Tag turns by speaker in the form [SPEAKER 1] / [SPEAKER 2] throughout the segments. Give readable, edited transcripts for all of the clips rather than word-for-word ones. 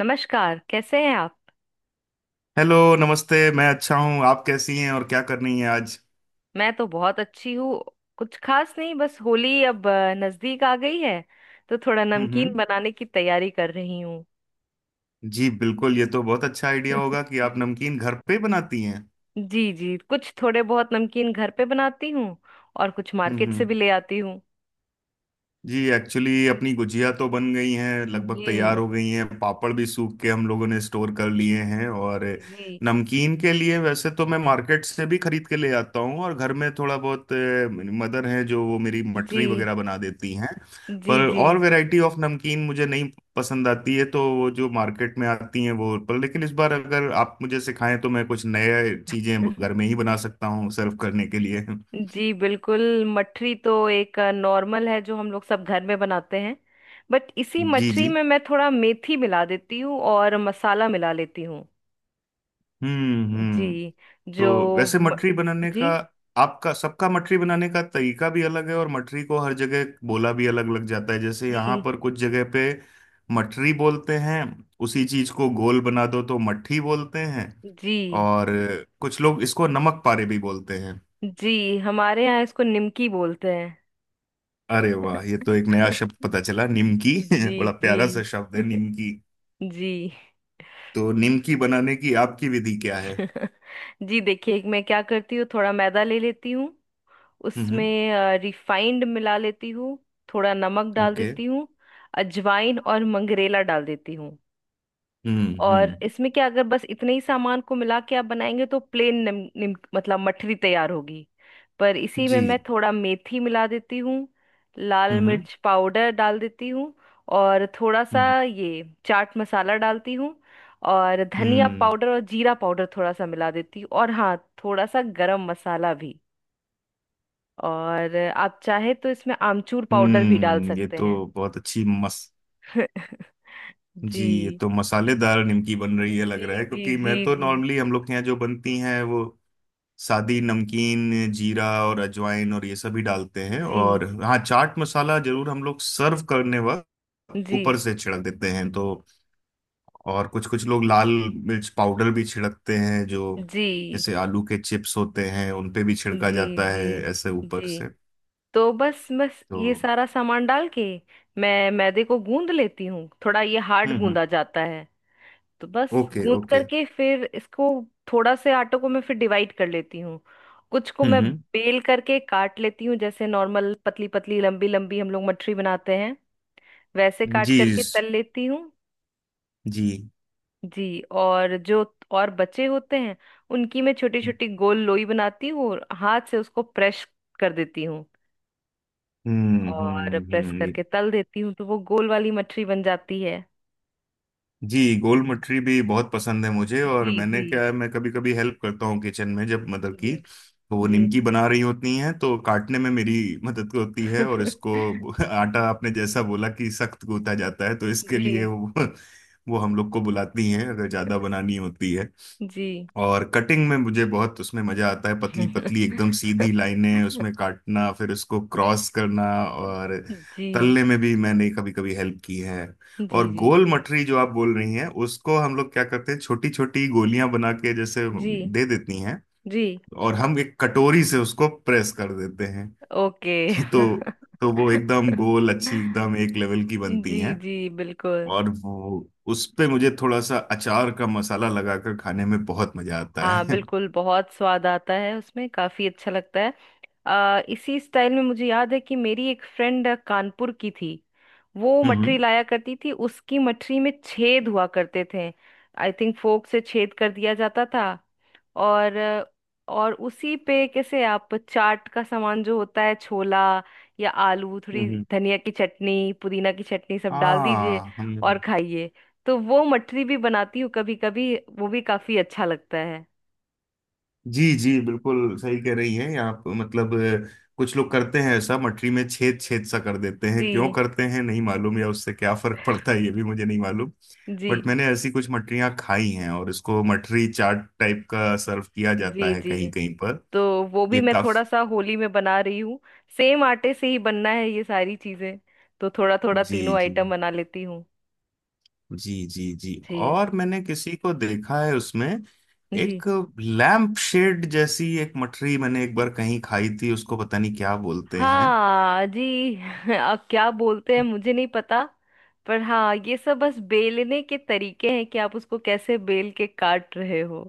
[SPEAKER 1] नमस्कार, कैसे हैं आप।
[SPEAKER 2] हेलो, नमस्ते। मैं अच्छा हूँ, आप कैसी हैं और क्या करनी है आज।
[SPEAKER 1] मैं तो बहुत अच्छी हूँ। कुछ खास नहीं, बस होली अब नजदीक आ गई है, तो थोड़ा
[SPEAKER 2] हम्म,
[SPEAKER 1] नमकीन
[SPEAKER 2] हम्म।
[SPEAKER 1] बनाने की तैयारी कर रही हूँ।
[SPEAKER 2] जी बिल्कुल, ये तो बहुत अच्छा आइडिया होगा कि आप नमकीन घर पे बनाती हैं।
[SPEAKER 1] जी जी, कुछ थोड़े बहुत नमकीन घर पे बनाती हूँ और कुछ
[SPEAKER 2] हम्म,
[SPEAKER 1] मार्केट से भी ले आती हूँ।
[SPEAKER 2] जी, एक्चुअली अपनी गुजिया तो बन गई हैं, लगभग तैयार
[SPEAKER 1] जी।
[SPEAKER 2] हो गई हैं। पापड़ भी सूख के हम लोगों ने स्टोर कर लिए हैं। और
[SPEAKER 1] जी।
[SPEAKER 2] नमकीन के लिए वैसे तो मैं मार्केट से भी खरीद के ले आता हूँ, और घर में थोड़ा बहुत मदर है जो वो मेरी
[SPEAKER 1] जी।
[SPEAKER 2] मठरी वगैरह बना देती हैं।
[SPEAKER 1] जी।
[SPEAKER 2] पर
[SPEAKER 1] जी
[SPEAKER 2] और वैरायटी ऑफ नमकीन मुझे नहीं पसंद आती है, तो वो जो मार्केट में आती हैं वो, पर लेकिन इस बार अगर आप मुझे सिखाएं तो मैं कुछ नए चीजें घर में ही बना सकता हूँ सर्व करने के लिए।
[SPEAKER 1] जी, बिल्कुल। मठरी तो एक नॉर्मल है जो हम लोग सब घर में बनाते हैं, बट इसी
[SPEAKER 2] जी,
[SPEAKER 1] मठरी
[SPEAKER 2] जी।
[SPEAKER 1] में मैं थोड़ा मेथी मिला देती हूँ और मसाला मिला लेती हूँ।
[SPEAKER 2] हम्म, हम्म।
[SPEAKER 1] जी।
[SPEAKER 2] तो
[SPEAKER 1] जो
[SPEAKER 2] वैसे
[SPEAKER 1] म,
[SPEAKER 2] मठरी बनाने का
[SPEAKER 1] जी
[SPEAKER 2] आपका सबका मठरी बनाने का तरीका भी अलग है, और मठरी को हर जगह बोला भी अलग अलग जाता है। जैसे यहाँ
[SPEAKER 1] जी।
[SPEAKER 2] पर कुछ जगह पे मठरी बोलते हैं। उसी चीज को गोल बना दो तो मट्ठी बोलते हैं।
[SPEAKER 1] जी।
[SPEAKER 2] और कुछ लोग इसको नमक पारे भी बोलते हैं।
[SPEAKER 1] जी, हमारे यहाँ इसको निमकी बोलते हैं।
[SPEAKER 2] अरे वाह, ये तो एक नया शब्द पता चला, निमकी।
[SPEAKER 1] जी
[SPEAKER 2] बड़ा
[SPEAKER 1] जी।
[SPEAKER 2] प्यारा सा शब्द है निमकी।
[SPEAKER 1] जी।
[SPEAKER 2] तो निमकी बनाने की आपकी विधि क्या है?
[SPEAKER 1] जी, देखिए, मैं क्या करती हूँ, थोड़ा मैदा ले लेती हूँ, उसमें
[SPEAKER 2] हम्म।
[SPEAKER 1] रिफाइंड मिला लेती हूँ। थोड़ा नमक डाल
[SPEAKER 2] ओके।
[SPEAKER 1] देती हूँ। अजवाइन और मंगरेला डाल देती हूँ।
[SPEAKER 2] हम्म,
[SPEAKER 1] और
[SPEAKER 2] हम्म।
[SPEAKER 1] इसमें क्या, अगर बस इतने ही सामान को मिला के आप बनाएंगे तो प्लेन निम, निम, मतलब मठरी तैयार होगी। पर इसी में
[SPEAKER 2] जी।
[SPEAKER 1] मैं थोड़ा मेथी मिला देती हूँ। लाल
[SPEAKER 2] हम्म,
[SPEAKER 1] मिर्च पाउडर डाल देती हूँ। और थोड़ा सा
[SPEAKER 2] हम्म।
[SPEAKER 1] ये चाट मसाला डालती हूँ। और धनिया
[SPEAKER 2] हम्म।
[SPEAKER 1] पाउडर और जीरा पाउडर थोड़ा सा मिला देती हूँ, और हाँ, थोड़ा सा गरम मसाला भी। और आप चाहे तो इसमें आमचूर पाउडर भी डाल
[SPEAKER 2] ये
[SPEAKER 1] सकते
[SPEAKER 2] तो
[SPEAKER 1] हैं।
[SPEAKER 2] बहुत अच्छी मस जी,
[SPEAKER 1] जी।
[SPEAKER 2] ये तो मसालेदार निमकी बन रही है लग
[SPEAKER 1] जी।
[SPEAKER 2] रहा है,
[SPEAKER 1] जी।
[SPEAKER 2] क्योंकि मैं
[SPEAKER 1] जी।
[SPEAKER 2] तो
[SPEAKER 1] जी।
[SPEAKER 2] नॉर्मली हम लोग के यहाँ जो बनती हैं वो सादी नमकीन, जीरा और अजवाइन और ये सभी डालते हैं।
[SPEAKER 1] जी।
[SPEAKER 2] और हाँ, चाट मसाला जरूर हम लोग सर्व करने वक्त
[SPEAKER 1] जी।
[SPEAKER 2] ऊपर से छिड़क देते हैं तो। और कुछ कुछ लोग लाल मिर्च पाउडर भी छिड़कते हैं, जो
[SPEAKER 1] जी।
[SPEAKER 2] जैसे आलू के चिप्स होते हैं उन पे भी छिड़का
[SPEAKER 1] जी।
[SPEAKER 2] जाता है,
[SPEAKER 1] जी।
[SPEAKER 2] ऐसे ऊपर
[SPEAKER 1] जी।
[SPEAKER 2] से।
[SPEAKER 1] तो बस बस
[SPEAKER 2] तो
[SPEAKER 1] ये सारा सामान डाल के मैं मैदे को गूंद लेती हूँ, थोड़ा ये हार्ड
[SPEAKER 2] हम्म, हम्म।
[SPEAKER 1] गूंदा जाता है। तो बस
[SPEAKER 2] ओके,
[SPEAKER 1] गूंद
[SPEAKER 2] ओके।
[SPEAKER 1] करके फिर इसको थोड़ा से आटे को मैं फिर डिवाइड कर लेती हूँ। कुछ को
[SPEAKER 2] हम्म,
[SPEAKER 1] मैं
[SPEAKER 2] हम्म।
[SPEAKER 1] बेल करके काट लेती हूँ, जैसे नॉर्मल पतली पतली लंबी लंबी हम लोग मठरी बनाते हैं, वैसे काट
[SPEAKER 2] जी,
[SPEAKER 1] करके तल लेती हूँ।
[SPEAKER 2] जी।
[SPEAKER 1] जी। और जो, और बचे होते हैं, उनकी मैं छोटी छोटी गोल लोई बनाती हूँ और हाथ से उसको प्रेस कर देती हूँ।
[SPEAKER 2] हम्म,
[SPEAKER 1] और
[SPEAKER 2] हम्म,
[SPEAKER 1] प्रेस
[SPEAKER 2] हम्म।
[SPEAKER 1] करके तल देती हूँ तो वो गोल वाली मठरी बन जाती है।
[SPEAKER 2] जी, गोल मटरी भी बहुत पसंद है मुझे। और
[SPEAKER 1] जी। जी।
[SPEAKER 2] मैंने क्या है, मैं कभी कभी हेल्प करता हूँ किचन में जब मदर की,
[SPEAKER 1] जी।
[SPEAKER 2] तो वो
[SPEAKER 1] जी।
[SPEAKER 2] निमकी बना रही होती हैं तो काटने में मेरी मदद होती है। और इसको आटा आपने जैसा बोला कि सख्त गूंथा जाता है, तो इसके लिए
[SPEAKER 1] जी
[SPEAKER 2] वो हम लोग को बुलाती हैं अगर ज्यादा बनानी होती है।
[SPEAKER 1] जी। जी।
[SPEAKER 2] और कटिंग में मुझे बहुत उसमें मजा आता है, पतली पतली एकदम सीधी लाइनें उसमें काटना, फिर उसको क्रॉस करना। और तलने में भी मैंने कभी कभी हेल्प की है।
[SPEAKER 1] जी।
[SPEAKER 2] और
[SPEAKER 1] जी।
[SPEAKER 2] गोल मटरी जो आप बोल रही हैं, उसको हम लोग क्या करते हैं, छोटी छोटी गोलियां बना के जैसे
[SPEAKER 1] जी।
[SPEAKER 2] दे देती हैं,
[SPEAKER 1] जी।
[SPEAKER 2] और हम एक कटोरी से उसको प्रेस कर देते हैं।
[SPEAKER 1] ओके।
[SPEAKER 2] तो तो वो एकदम गोल अच्छी, एकदम एक लेवल की बनती
[SPEAKER 1] जी
[SPEAKER 2] हैं।
[SPEAKER 1] जी, बिल्कुल।
[SPEAKER 2] और वो, उस पे मुझे थोड़ा सा अचार का मसाला लगाकर खाने में बहुत मजा आता
[SPEAKER 1] हाँ
[SPEAKER 2] है।
[SPEAKER 1] बिल्कुल, बहुत स्वाद आता है उसमें, काफी अच्छा लगता है। इसी स्टाइल में मुझे याद है कि मेरी एक फ्रेंड कानपुर की थी, वो मठरी
[SPEAKER 2] हम्म,
[SPEAKER 1] लाया करती थी, उसकी मठरी में छेद हुआ करते थे। आई थिंक फोक से छेद कर दिया जाता था। और और उसी पे कैसे, आप चाट का सामान जो होता है, छोला या आलू, थोड़ी
[SPEAKER 2] हम्म।
[SPEAKER 1] धनिया की चटनी, पुदीना की चटनी सब डाल दीजिए
[SPEAKER 2] हाँ,
[SPEAKER 1] और
[SPEAKER 2] हम।
[SPEAKER 1] खाइए। तो वो मठरी भी बनाती हूँ, कभी कभी, वो भी काफी अच्छा लगता है।
[SPEAKER 2] जी जी बिल्कुल सही कह रही हैं आप, मतलब अ, कुछ लोग करते हैं ऐसा, मटरी में छेद छेद सा कर देते हैं। क्यों
[SPEAKER 1] जी।
[SPEAKER 2] करते हैं नहीं मालूम, या उससे क्या फर्क पड़ता है ये भी मुझे नहीं मालूम।
[SPEAKER 1] जी।
[SPEAKER 2] बट मैंने ऐसी कुछ मटरियां खाई हैं, और इसको मटरी चाट टाइप का सर्व किया जाता
[SPEAKER 1] जी।
[SPEAKER 2] है
[SPEAKER 1] जी।
[SPEAKER 2] कहीं कहीं पर।
[SPEAKER 1] तो वो भी
[SPEAKER 2] ये
[SPEAKER 1] मैं
[SPEAKER 2] काफ
[SPEAKER 1] थोड़ा सा होली में बना रही हूँ, सेम आटे से ही बनना है ये सारी चीजें, तो थोड़ा थोड़ा
[SPEAKER 2] जी,
[SPEAKER 1] तीनों
[SPEAKER 2] जी,
[SPEAKER 1] आइटम बना लेती हूँ।
[SPEAKER 2] जी, जी, जी।
[SPEAKER 1] जी।
[SPEAKER 2] और मैंने किसी को देखा है उसमें,
[SPEAKER 1] जी।
[SPEAKER 2] एक लैम्प शेड जैसी एक मटरी मैंने एक बार कहीं खाई थी, उसको पता नहीं क्या बोलते हैं।
[SPEAKER 1] हाँ जी, अब क्या बोलते हैं मुझे नहीं पता, पर हाँ, ये सब बस बेलने के तरीके हैं कि आप उसको कैसे बेल के काट रहे हो।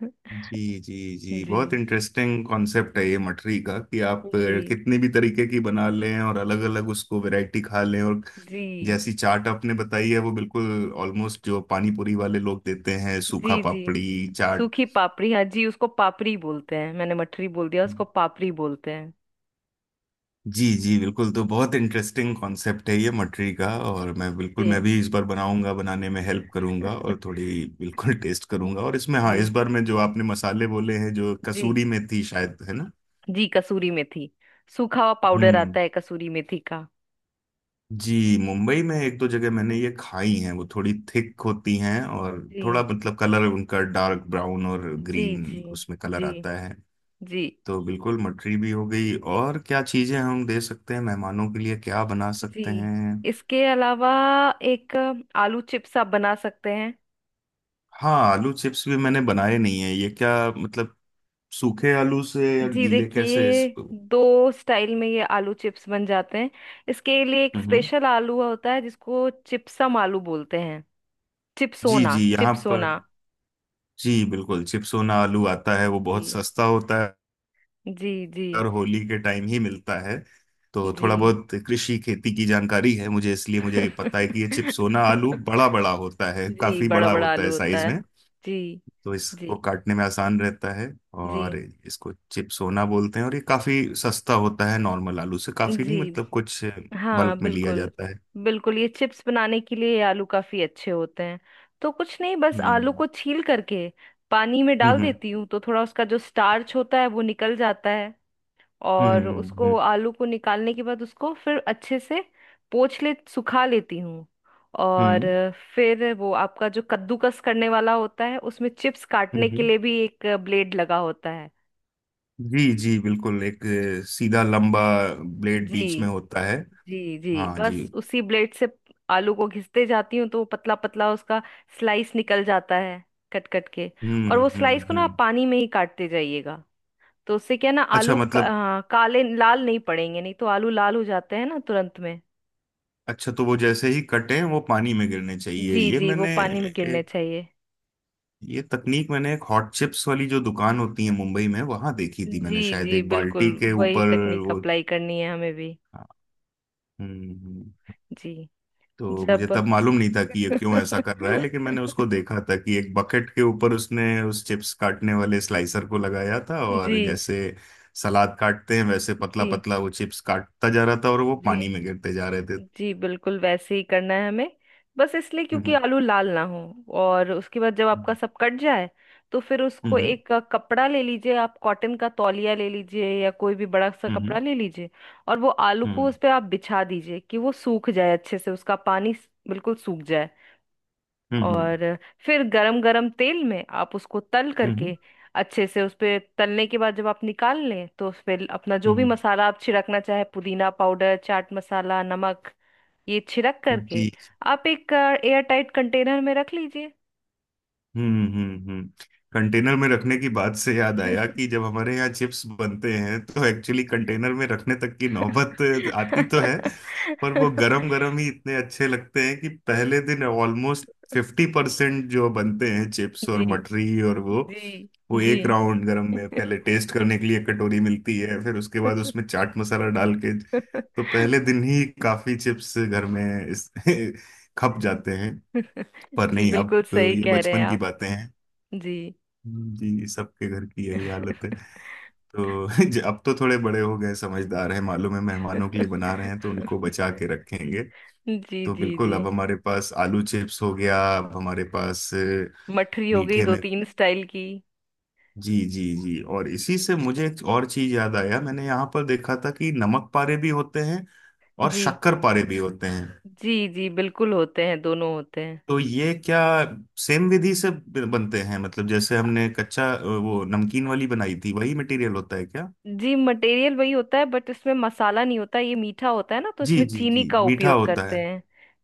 [SPEAKER 2] जी जी जी,
[SPEAKER 1] जी।
[SPEAKER 2] बहुत इंटरेस्टिंग कॉन्सेप्ट है ये मठरी का कि आप
[SPEAKER 1] जी।
[SPEAKER 2] कितने भी तरीके की बना लें, और अलग अलग उसको वैरायटी खा लें। और
[SPEAKER 1] जी।
[SPEAKER 2] जैसी चाट आपने बताई है वो बिल्कुल ऑलमोस्ट जो पानी पूरी वाले लोग देते हैं, सूखा
[SPEAKER 1] जी। जी,
[SPEAKER 2] पापड़ी चाट।
[SPEAKER 1] सूखी पापड़ी, हाँ जी, उसको पापड़ी बोलते हैं, मैंने मठरी बोल दिया, उसको पापड़ी बोलते हैं।
[SPEAKER 2] जी जी बिल्कुल, तो बहुत इंटरेस्टिंग कॉन्सेप्ट है ये मठरी का। और मैं
[SPEAKER 1] जी।
[SPEAKER 2] भी इस बार बनाऊंगा, बनाने में हेल्प करूंगा और थोड़ी बिल्कुल टेस्ट करूंगा। और इसमें
[SPEAKER 1] जी।
[SPEAKER 2] हाँ, इस बार में जो आपने मसाले बोले हैं जो
[SPEAKER 1] जी।
[SPEAKER 2] कसूरी मेथी शायद है ना?
[SPEAKER 1] जी कसूरी मेथी, सूखा हुआ पाउडर
[SPEAKER 2] हम्म।
[SPEAKER 1] आता है कसूरी मेथी का।
[SPEAKER 2] जी। मुंबई में एक दो जगह मैंने ये खाई हैं, वो थोड़ी थिक होती हैं, और
[SPEAKER 1] जी।
[SPEAKER 2] थोड़ा मतलब कलर उनका डार्क ब्राउन और
[SPEAKER 1] जी। जी।
[SPEAKER 2] ग्रीन उसमें कलर
[SPEAKER 1] जी।
[SPEAKER 2] आता है।
[SPEAKER 1] जी।
[SPEAKER 2] तो बिल्कुल मटरी भी हो गई, और क्या चीजें हम दे सकते हैं मेहमानों के लिए, क्या बना
[SPEAKER 1] जी।
[SPEAKER 2] सकते हैं?
[SPEAKER 1] इसके अलावा एक आलू चिप्स आप बना सकते हैं।
[SPEAKER 2] हाँ, आलू चिप्स भी मैंने बनाए नहीं है, ये क्या, मतलब सूखे आलू से या
[SPEAKER 1] जी
[SPEAKER 2] गीले, कैसे
[SPEAKER 1] देखिए,
[SPEAKER 2] इसको?
[SPEAKER 1] दो स्टाइल में ये आलू चिप्स बन जाते हैं। इसके लिए एक
[SPEAKER 2] हम्म,
[SPEAKER 1] स्पेशल आलू होता है जिसको चिप्सम आलू बोलते हैं।
[SPEAKER 2] जी,
[SPEAKER 1] चिप्सोना
[SPEAKER 2] जी, यहाँ पर।
[SPEAKER 1] चिप्सोना।
[SPEAKER 2] जी बिल्कुल, चिप्सोना आलू आता है वो बहुत
[SPEAKER 1] जी।
[SPEAKER 2] सस्ता होता,
[SPEAKER 1] जी। जी।
[SPEAKER 2] और होली के टाइम ही मिलता है। तो
[SPEAKER 1] जी।
[SPEAKER 2] थोड़ा बहुत कृषि खेती की जानकारी है मुझे, इसलिए मुझे ये पता है कि ये चिपसोना आलू बड़ा बड़ा होता है,
[SPEAKER 1] जी,
[SPEAKER 2] काफी
[SPEAKER 1] बड़ा
[SPEAKER 2] बड़ा
[SPEAKER 1] बड़ा
[SPEAKER 2] होता है
[SPEAKER 1] आलू होता
[SPEAKER 2] साइज
[SPEAKER 1] है।
[SPEAKER 2] में।
[SPEAKER 1] जी।
[SPEAKER 2] तो
[SPEAKER 1] जी।
[SPEAKER 2] इसको काटने में आसान रहता है।
[SPEAKER 1] जी।
[SPEAKER 2] और इसको चिपसोना बोलते हैं, और ये काफी सस्ता होता है नॉर्मल आलू से, काफी नहीं
[SPEAKER 1] जी।
[SPEAKER 2] मतलब, कुछ
[SPEAKER 1] हाँ
[SPEAKER 2] बल्क में लिया
[SPEAKER 1] बिल्कुल।
[SPEAKER 2] जाता है।
[SPEAKER 1] बिल्कुल ये चिप्स बनाने के लिए ये आलू काफी अच्छे होते हैं। तो कुछ नहीं, बस आलू
[SPEAKER 2] हम्म,
[SPEAKER 1] को छील करके पानी में डाल
[SPEAKER 2] हम्म,
[SPEAKER 1] देती हूँ, तो थोड़ा उसका जो स्टार्च होता है वो निकल जाता है।
[SPEAKER 2] हम्म,
[SPEAKER 1] और
[SPEAKER 2] हम्म, हम्म,
[SPEAKER 1] उसको, आलू को निकालने के बाद उसको फिर अच्छे से पोंछ ले, सुखा लेती हूँ। और
[SPEAKER 2] हम्म।
[SPEAKER 1] फिर वो आपका जो कद्दूकस करने वाला होता है, उसमें चिप्स
[SPEAKER 2] हम्म,
[SPEAKER 1] काटने के
[SPEAKER 2] हम्म।
[SPEAKER 1] लिए भी एक ब्लेड लगा होता है।
[SPEAKER 2] जी, जी बिल्कुल। एक सीधा लंबा ब्लेड बीच
[SPEAKER 1] जी।
[SPEAKER 2] में होता है।
[SPEAKER 1] जी। जी,
[SPEAKER 2] हाँ जी।
[SPEAKER 1] बस उसी ब्लेड से आलू को घिसते जाती हूँ, तो वो पतला पतला उसका स्लाइस निकल जाता है, कट कट के।
[SPEAKER 2] हम्म,
[SPEAKER 1] और वो स्लाइस
[SPEAKER 2] हम्म,
[SPEAKER 1] को ना, आप
[SPEAKER 2] हम्म।
[SPEAKER 1] पानी में ही काटते जाइएगा, तो उससे क्या है ना,
[SPEAKER 2] अच्छा
[SPEAKER 1] आलू
[SPEAKER 2] मतलब,
[SPEAKER 1] काले लाल नहीं पड़ेंगे, नहीं तो आलू लाल हो जाते हैं ना तुरंत में।
[SPEAKER 2] अच्छा तो वो जैसे ही कटे वो पानी में गिरने चाहिए?
[SPEAKER 1] जी जी, वो पानी में गिरने
[SPEAKER 2] एक
[SPEAKER 1] चाहिए।
[SPEAKER 2] ये तकनीक मैंने एक हॉट चिप्स वाली जो दुकान होती है मुंबई में वहां देखी थी,
[SPEAKER 1] जी
[SPEAKER 2] मैंने शायद
[SPEAKER 1] जी,
[SPEAKER 2] एक
[SPEAKER 1] बिल्कुल
[SPEAKER 2] बाल्टी के
[SPEAKER 1] वही
[SPEAKER 2] ऊपर
[SPEAKER 1] तकनीक
[SPEAKER 2] वो।
[SPEAKER 1] अप्लाई करनी है हमें भी।
[SPEAKER 2] हम्म, हम्म।
[SPEAKER 1] जी।
[SPEAKER 2] तो
[SPEAKER 1] जब
[SPEAKER 2] मुझे तब मालूम नहीं था कि ये क्यों ऐसा कर रहा है, लेकिन मैंने उसको देखा था कि एक बकेट के ऊपर उसने उस चिप्स काटने वाले स्लाइसर को लगाया था, और
[SPEAKER 1] जी।
[SPEAKER 2] जैसे सलाद काटते हैं वैसे पतला
[SPEAKER 1] जी।
[SPEAKER 2] पतला वो चिप्स काटता जा रहा था, और वो
[SPEAKER 1] जी
[SPEAKER 2] पानी में गिरते जा रहे थे।
[SPEAKER 1] जी, बिल्कुल वैसे ही करना है हमें, बस इसलिए क्योंकि
[SPEAKER 2] हम्म,
[SPEAKER 1] आलू लाल ना हो। और उसके बाद जब आपका
[SPEAKER 2] हम्म,
[SPEAKER 1] सब कट जाए, तो फिर उसको
[SPEAKER 2] हम्म,
[SPEAKER 1] एक कपड़ा ले लीजिए, आप कॉटन का तौलिया ले लीजिए या कोई भी बड़ा सा
[SPEAKER 2] हम्म,
[SPEAKER 1] कपड़ा ले लीजिए। और वो आलू को
[SPEAKER 2] हम्म।
[SPEAKER 1] उस पर आप बिछा दीजिए कि वो सूख जाए, अच्छे से उसका पानी बिल्कुल सूख जाए।
[SPEAKER 2] हम्म, हम्म,
[SPEAKER 1] और फिर गरम गरम तेल में आप उसको तल
[SPEAKER 2] हम्म,
[SPEAKER 1] करके, अच्छे से उस पे तलने के बाद जब आप निकाल लें, तो उस पे अपना जो भी
[SPEAKER 2] हम्म,
[SPEAKER 1] मसाला आप छिड़कना चाहे, पुदीना पाउडर, चाट मसाला, नमक, ये छिड़क करके
[SPEAKER 2] जी,
[SPEAKER 1] आप एक एयर टाइट कंटेनर में रख लीजिए।
[SPEAKER 2] हम्म, हम्म, हम्म। कंटेनर में रखने की बात से याद आया कि जब हमारे यहाँ चिप्स बनते हैं तो एक्चुअली कंटेनर में रखने तक की नौबत आती तो है, पर वो गरम गरम ही इतने अच्छे लगते हैं कि पहले दिन ऑलमोस्ट 50% जो बनते हैं चिप्स
[SPEAKER 1] जी।
[SPEAKER 2] और मठरी और वो
[SPEAKER 1] जी।
[SPEAKER 2] वो
[SPEAKER 1] जी।
[SPEAKER 2] एक राउंड गरम में पहले टेस्ट करने के लिए एक कटोरी मिलती है, फिर उसके बाद उसमें चाट मसाला डाल के, तो पहले दिन ही काफी चिप्स घर में इस खप जाते हैं। पर
[SPEAKER 1] जी,
[SPEAKER 2] नहीं, अब
[SPEAKER 1] बिल्कुल सही
[SPEAKER 2] ये
[SPEAKER 1] कह रहे हैं
[SPEAKER 2] बचपन की
[SPEAKER 1] आप।
[SPEAKER 2] बातें।
[SPEAKER 1] जी।
[SPEAKER 2] जी, सबके घर की यही हालत है। तो अब तो थोड़े बड़े हो गए, समझदार हैं, मालूम है मेहमानों के लिए बना रहे हैं तो उनको बचा के रखेंगे।
[SPEAKER 1] जी।
[SPEAKER 2] तो
[SPEAKER 1] जी।
[SPEAKER 2] बिल्कुल,
[SPEAKER 1] जी।
[SPEAKER 2] अब हमारे पास आलू चिप्स हो गया। अब हमारे पास
[SPEAKER 1] मठरी हो गई
[SPEAKER 2] मीठे
[SPEAKER 1] दो
[SPEAKER 2] में।
[SPEAKER 1] तीन स्टाइल की।
[SPEAKER 2] जी जी जी, और इसी से मुझे एक और चीज याद आया, मैंने यहाँ पर देखा था कि नमक पारे भी होते हैं, और
[SPEAKER 1] जी।
[SPEAKER 2] शक्कर पारे भी होते हैं।
[SPEAKER 1] जी। जी बिल्कुल, होते हैं, दोनों होते हैं।
[SPEAKER 2] तो ये क्या, सेम विधि से बनते हैं, मतलब जैसे हमने कच्चा वो नमकीन वाली बनाई थी वही मटेरियल होता है।
[SPEAKER 1] जी, मटेरियल वही होता है, बट इसमें मसाला नहीं होता, ये मीठा होता है ना, तो
[SPEAKER 2] जी
[SPEAKER 1] इसमें
[SPEAKER 2] जी
[SPEAKER 1] चीनी
[SPEAKER 2] जी
[SPEAKER 1] का
[SPEAKER 2] मीठा
[SPEAKER 1] उपयोग
[SPEAKER 2] होता
[SPEAKER 1] करते
[SPEAKER 2] है।
[SPEAKER 1] हैं।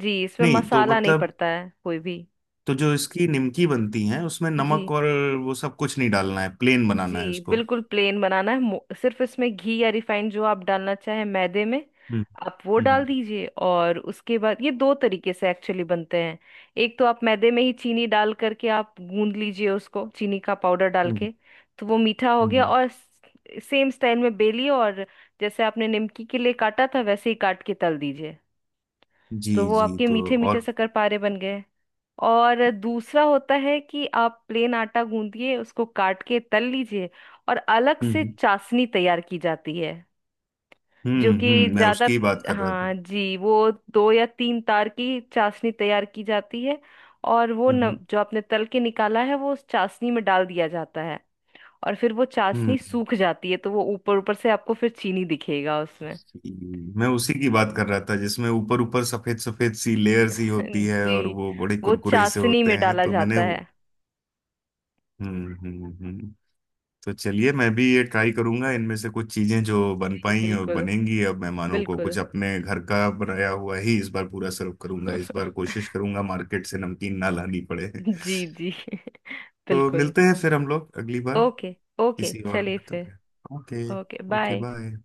[SPEAKER 1] जी, इसमें
[SPEAKER 2] नहीं तो
[SPEAKER 1] मसाला नहीं
[SPEAKER 2] मतलब,
[SPEAKER 1] पड़ता है कोई भी।
[SPEAKER 2] तो जो इसकी निमकी बनती है उसमें
[SPEAKER 1] जी
[SPEAKER 2] नमक और वो सब कुछ नहीं डालना है, प्लेन बनाना है
[SPEAKER 1] जी,
[SPEAKER 2] उसको।
[SPEAKER 1] बिल्कुल प्लेन बनाना है, सिर्फ इसमें घी या रिफाइंड जो आप डालना चाहें मैदे में
[SPEAKER 2] हम्म,
[SPEAKER 1] आप वो डाल
[SPEAKER 2] हम्म,
[SPEAKER 1] दीजिए। और उसके बाद ये दो तरीके से एक्चुअली बनते हैं। एक तो आप मैदे में ही चीनी डाल करके आप गूंद लीजिए उसको, चीनी का पाउडर डाल
[SPEAKER 2] हम्म,
[SPEAKER 1] के, तो वो मीठा हो गया।
[SPEAKER 2] हम्म,
[SPEAKER 1] और सेम स्टाइल में बेलिए और जैसे आपने निमकी के लिए काटा था वैसे ही काट के तल दीजिए,
[SPEAKER 2] जी,
[SPEAKER 1] तो वो
[SPEAKER 2] जी,
[SPEAKER 1] आपके
[SPEAKER 2] तो
[SPEAKER 1] मीठे मीठे
[SPEAKER 2] और
[SPEAKER 1] शक्करपारे बन गए। और दूसरा होता है कि आप प्लेन आटा गूंदिए, उसको काट के तल लीजिए और अलग से
[SPEAKER 2] हम्म,
[SPEAKER 1] चाशनी तैयार की जाती है, जो
[SPEAKER 2] हम्म,
[SPEAKER 1] कि
[SPEAKER 2] हम्म, मैं
[SPEAKER 1] ज्यादा,
[SPEAKER 2] उसकी ही बात कर रहा था।
[SPEAKER 1] हाँ जी, वो दो या तीन तार की चाशनी तैयार की जाती है। और वो न,
[SPEAKER 2] हम्म,
[SPEAKER 1] जो आपने तल के निकाला है वो उस चाशनी में डाल दिया जाता है। और फिर वो चाशनी
[SPEAKER 2] हम्म,
[SPEAKER 1] सूख जाती है, तो वो ऊपर ऊपर से आपको फिर चीनी दिखेगा उसमें।
[SPEAKER 2] जी, मैं उसी की बात कर रहा था, जिसमें ऊपर ऊपर सफेद सफेद सी लेयर सी होती है
[SPEAKER 1] जी,
[SPEAKER 2] और वो बड़े
[SPEAKER 1] वो
[SPEAKER 2] कुरकुरे से
[SPEAKER 1] चाशनी
[SPEAKER 2] होते
[SPEAKER 1] में
[SPEAKER 2] हैं,
[SPEAKER 1] डाला
[SPEAKER 2] तो मैंने
[SPEAKER 1] जाता है।
[SPEAKER 2] वो। हम्म, हम्म, हम्म। तो चलिए मैं भी ये ट्राई करूंगा, इनमें से कुछ चीजें जो बन
[SPEAKER 1] जी
[SPEAKER 2] पाई और
[SPEAKER 1] बिल्कुल।
[SPEAKER 2] बनेंगी। अब मेहमानों को
[SPEAKER 1] बिल्कुल।
[SPEAKER 2] कुछ अपने घर का बनाया हुआ ही इस बार पूरा सर्व करूंगा, इस बार कोशिश करूंगा मार्केट से नमकीन ना लानी पड़े।
[SPEAKER 1] जी जी।
[SPEAKER 2] तो
[SPEAKER 1] बिल्कुल।
[SPEAKER 2] मिलते हैं फिर हम लोग अगली बार
[SPEAKER 1] ओके। ओके
[SPEAKER 2] किसी और,
[SPEAKER 1] चलिए फिर।
[SPEAKER 2] मतलब okay.
[SPEAKER 1] Okay
[SPEAKER 2] okay,
[SPEAKER 1] bye.
[SPEAKER 2] Bye.